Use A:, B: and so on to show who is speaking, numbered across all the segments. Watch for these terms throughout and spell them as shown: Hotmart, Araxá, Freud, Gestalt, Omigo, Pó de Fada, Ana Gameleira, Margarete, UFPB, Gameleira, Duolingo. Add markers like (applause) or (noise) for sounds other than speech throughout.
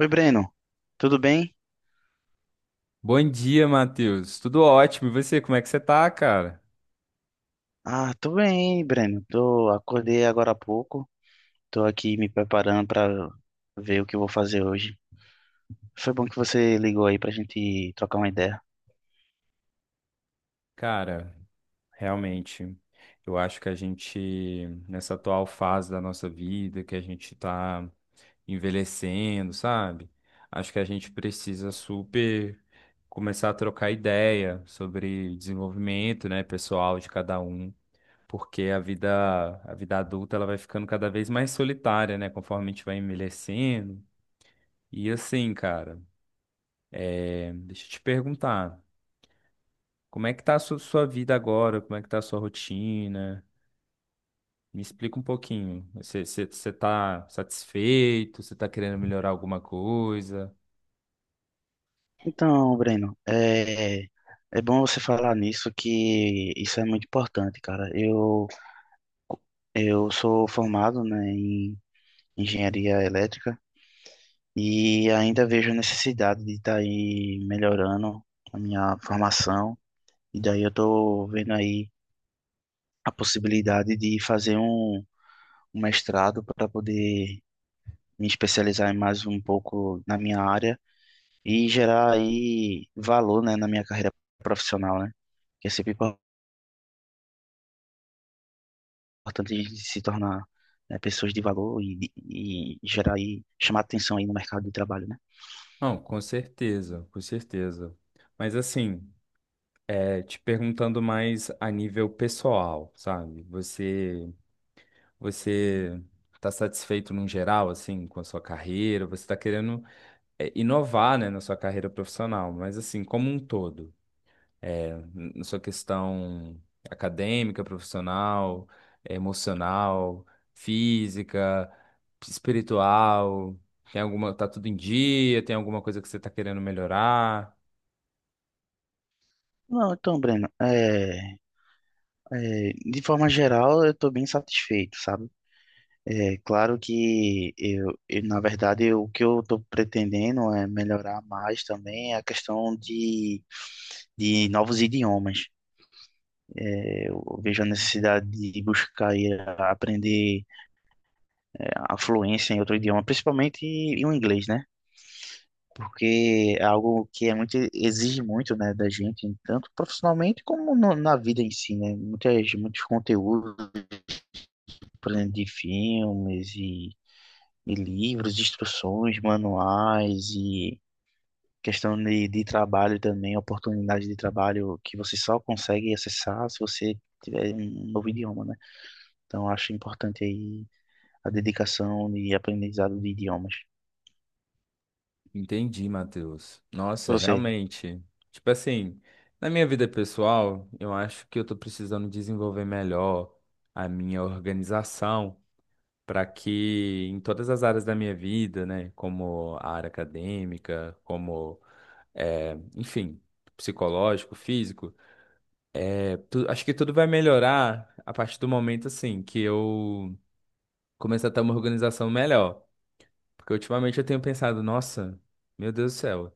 A: Oi, Breno. Tudo bem?
B: Bom dia, Matheus. Tudo ótimo. E você, como é que você tá, cara?
A: Ah, tô bem, Breno. Tô, acordei agora há pouco. Tô aqui me preparando pra ver o que eu vou fazer hoje. Foi bom que você ligou aí pra gente trocar uma ideia.
B: Cara, realmente, eu acho que a gente, nessa atual fase da nossa vida, que a gente tá envelhecendo, sabe? Acho que a gente precisa super começar a trocar ideia sobre desenvolvimento, né, pessoal de cada um, porque a vida adulta, ela vai ficando cada vez mais solitária, né, conforme a gente vai envelhecendo. E assim, cara, deixa eu te perguntar. Como é que tá sua vida agora? Como é que tá a sua rotina? Me explica um pouquinho. Você tá satisfeito? Você tá querendo melhorar alguma coisa?
A: Então, Breno, é bom você falar nisso que isso é muito importante, cara. Eu sou formado, né, em engenharia elétrica e ainda vejo a necessidade de estar aí melhorando a minha formação. E daí eu tô vendo aí a possibilidade de fazer um mestrado para poder me especializar mais um pouco na minha área e gerar aí valor, né, na minha carreira profissional, né? Que é sempre importante a gente se tornar, né, pessoas de valor e gerar aí, chamar atenção aí no mercado de trabalho, né?
B: Não, com certeza, com certeza. Mas assim, te perguntando mais a nível pessoal, sabe? Você tá satisfeito num geral assim com a sua carreira? Você tá querendo inovar, né, na sua carreira profissional, mas assim, como um todo. Na sua questão acadêmica, profissional, emocional, física, espiritual? Tem alguma, tá tudo em dia? Tem alguma coisa que você tá querendo melhorar?
A: Não, então, Breno, de forma geral eu tô bem satisfeito, sabe? É claro que na verdade, o que eu estou pretendendo é melhorar mais também é a questão de novos idiomas. É, eu vejo a necessidade de buscar e aprender a fluência em outro idioma, principalmente em o inglês, né? Porque é algo que é muito, exige muito, né, da gente, tanto profissionalmente como na vida em si, né? Muitos conteúdos, por exemplo, de filmes e de livros, instruções, manuais e questão de trabalho também, oportunidade de trabalho que você só consegue acessar se você tiver um novo idioma, né? Então, eu acho importante aí a dedicação e aprendizado de idiomas.
B: Entendi, Matheus. Nossa,
A: Você.
B: realmente. Tipo assim, na minha vida pessoal, eu acho que eu tô precisando desenvolver melhor a minha organização para que em todas as áreas da minha vida, né, como a área acadêmica, como é, enfim, psicológico, físico. Acho que tudo vai melhorar a partir do momento, assim, que eu começar a ter uma organização melhor. Porque ultimamente eu tenho pensado, nossa, meu Deus do céu,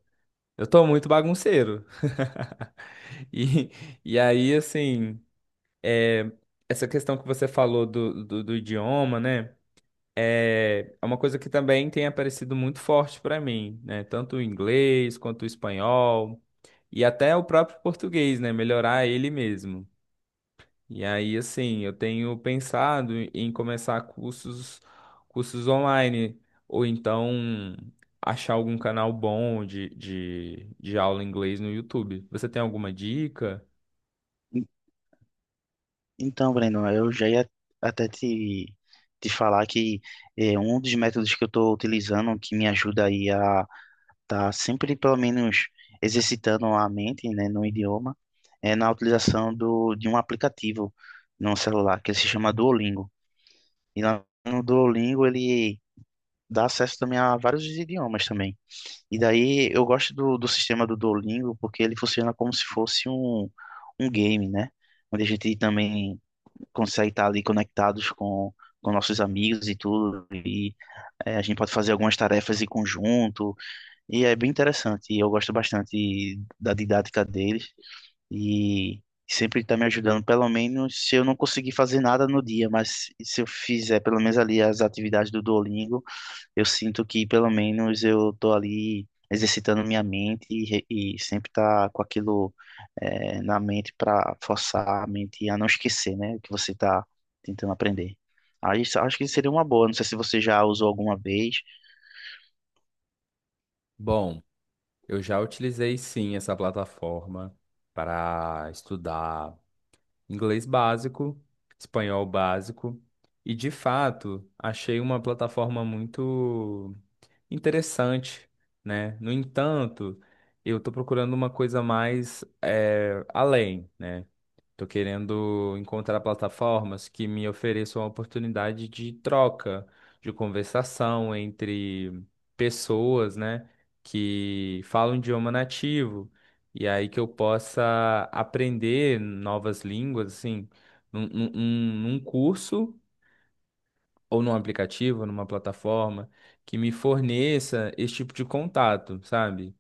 B: eu tô muito bagunceiro. (laughs) E, e aí, assim, é, essa questão que você falou do idioma, né? É uma coisa que também tem aparecido muito forte para mim, né? Tanto o inglês quanto o espanhol e até o próprio português, né? Melhorar ele mesmo. E aí, assim, eu tenho pensado em começar cursos, cursos online ou então achar algum canal bom de aula em inglês no YouTube. Você tem alguma dica?
A: En- Então, Breno, eu já ia até te falar que um dos métodos que eu estou utilizando que me ajuda aí a tá sempre pelo menos exercitando a mente, né, no idioma, é na utilização de um aplicativo no celular que ele se chama Duolingo. E lá no Duolingo ele dá acesso também a vários idiomas também. E daí eu gosto do sistema do Duolingo porque ele funciona como se fosse um game, né? Onde a gente também consegue estar ali conectados com nossos amigos e tudo. E a gente pode fazer algumas tarefas em conjunto e é bem interessante, e eu gosto bastante da didática deles, e sempre está me ajudando, pelo menos se eu não conseguir fazer nada no dia, mas se eu fizer pelo menos ali as atividades do Duolingo, eu sinto que pelo menos eu estou ali exercitando minha mente e sempre tá com aquilo na mente para forçar a mente a não esquecer, né, o que você está tentando aprender. Acho que seria uma boa, não sei se você já usou alguma vez.
B: Bom, eu já utilizei sim essa plataforma para estudar inglês básico, espanhol básico, e de fato achei uma plataforma muito interessante, né? No entanto, eu estou procurando uma coisa mais além, né? Tô querendo encontrar plataformas que me ofereçam a oportunidade de troca, de conversação entre pessoas, né, que falam idioma nativo, e aí que eu possa aprender novas línguas, assim, num curso ou num aplicativo, numa plataforma que me forneça esse tipo de contato, sabe?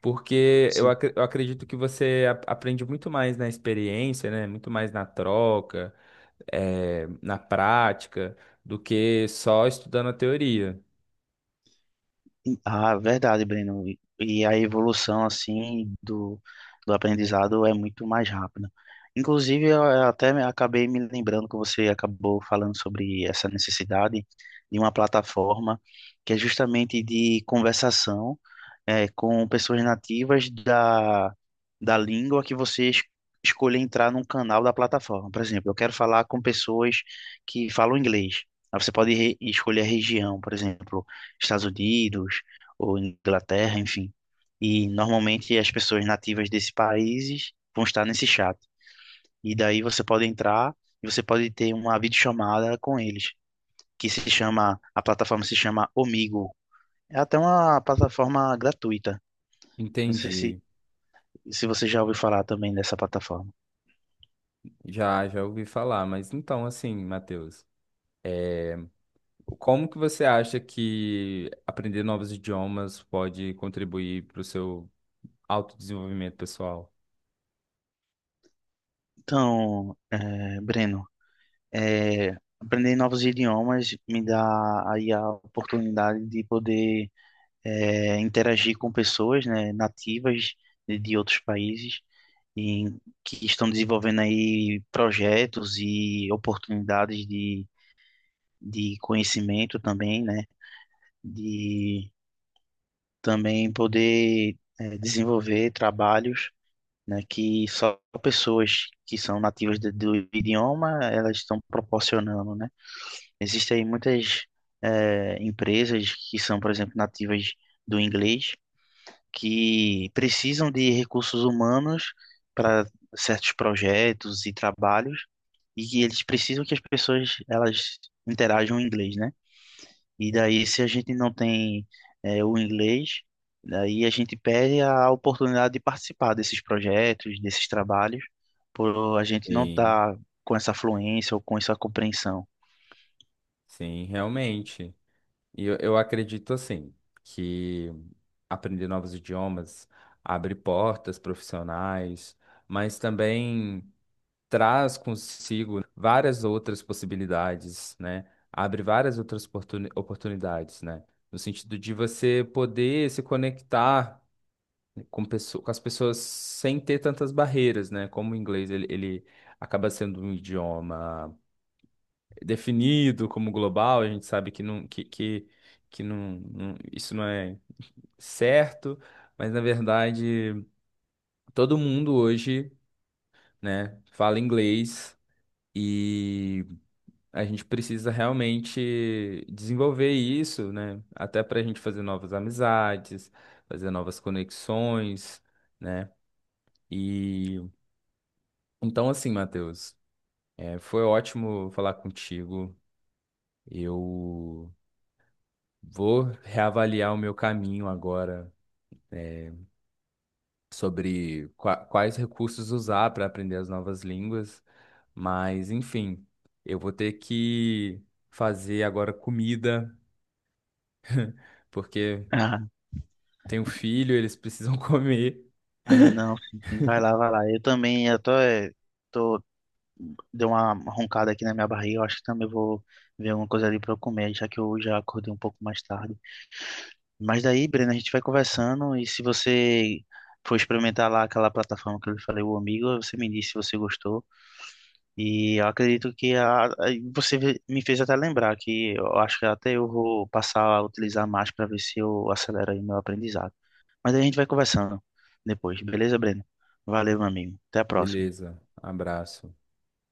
B: Porque eu acredito que aprende muito mais na experiência, né? Muito mais na troca, na prática, do que só estudando a teoria.
A: Ah, verdade, Breno. E a evolução, assim, do aprendizado é muito mais rápida. Inclusive, acabei me lembrando que você acabou falando sobre essa necessidade de uma plataforma que é justamente de conversação com pessoas nativas da língua que você escolher entrar num canal da plataforma. Por exemplo, eu quero falar com pessoas que falam inglês. Aí você pode escolher a região, por exemplo, Estados Unidos ou Inglaterra, enfim. E normalmente as pessoas nativas desses países vão estar nesse chat. E daí você pode entrar e você pode ter uma videochamada com eles, que se chama, a plataforma se chama Omigo. É até uma plataforma gratuita. Não sei
B: Entendi.
A: se você já ouviu falar também dessa plataforma.
B: Já, já ouvi falar, mas então, assim, Matheus, como que você acha que aprender novos idiomas pode contribuir para o seu autodesenvolvimento pessoal?
A: Então, Breno, é, aprender novos idiomas me dá aí a oportunidade de poder interagir com pessoas, né, nativas de outros países e que estão desenvolvendo aí projetos e oportunidades de conhecimento também, né, de também poder desenvolver trabalhos né, que só pessoas que são nativas do idioma elas estão proporcionando, né? Existem aí muitas empresas que são, por exemplo, nativas do inglês que precisam de recursos humanos para certos projetos e trabalhos e que eles precisam que as pessoas elas interajam em inglês, né? E daí, se a gente não tem o inglês, daí a gente perde a oportunidade de participar desses projetos, desses trabalhos, por a gente não
B: Sim.
A: estar com essa fluência ou com essa compreensão.
B: Sim, realmente. E eu acredito assim que aprender novos idiomas abre portas profissionais, mas também traz consigo várias outras possibilidades, né? Abre várias oportunidades, né? No sentido de você poder se conectar com, com as pessoas sem ter tantas barreiras, né? Como o inglês, ele acaba sendo um idioma definido como global, a gente sabe que isso não é certo, mas na verdade todo mundo hoje, né, fala inglês e a gente precisa realmente desenvolver isso, né, até para a gente fazer novas amizades, fazer novas conexões, né? E então assim, Matheus, foi ótimo falar contigo. Eu vou reavaliar o meu caminho agora né, sobre quais recursos usar para aprender as novas línguas, mas enfim, eu vou ter que fazer agora comida, porque
A: (laughs)
B: tenho filho, eles precisam (laughs) comer.
A: Ah, ah, não, sim, sim, vai lá, vai lá. Eu também, eu tô, eh, tô, deu uma roncada aqui na minha barriga, eu acho que também vou ver alguma coisa ali para eu comer, já que eu já acordei um pouco mais tarde. Mas daí, Breno, a gente vai conversando e se você for experimentar lá aquela plataforma que eu lhe falei, o Amigo, você me disse se você gostou. E eu acredito que você me fez até lembrar que eu acho que até eu vou passar a utilizar mais para ver se eu acelero aí meu aprendizado. Mas daí a gente vai conversando depois, beleza, Breno? Valeu, meu amigo. Até a próxima.
B: Beleza, abraço.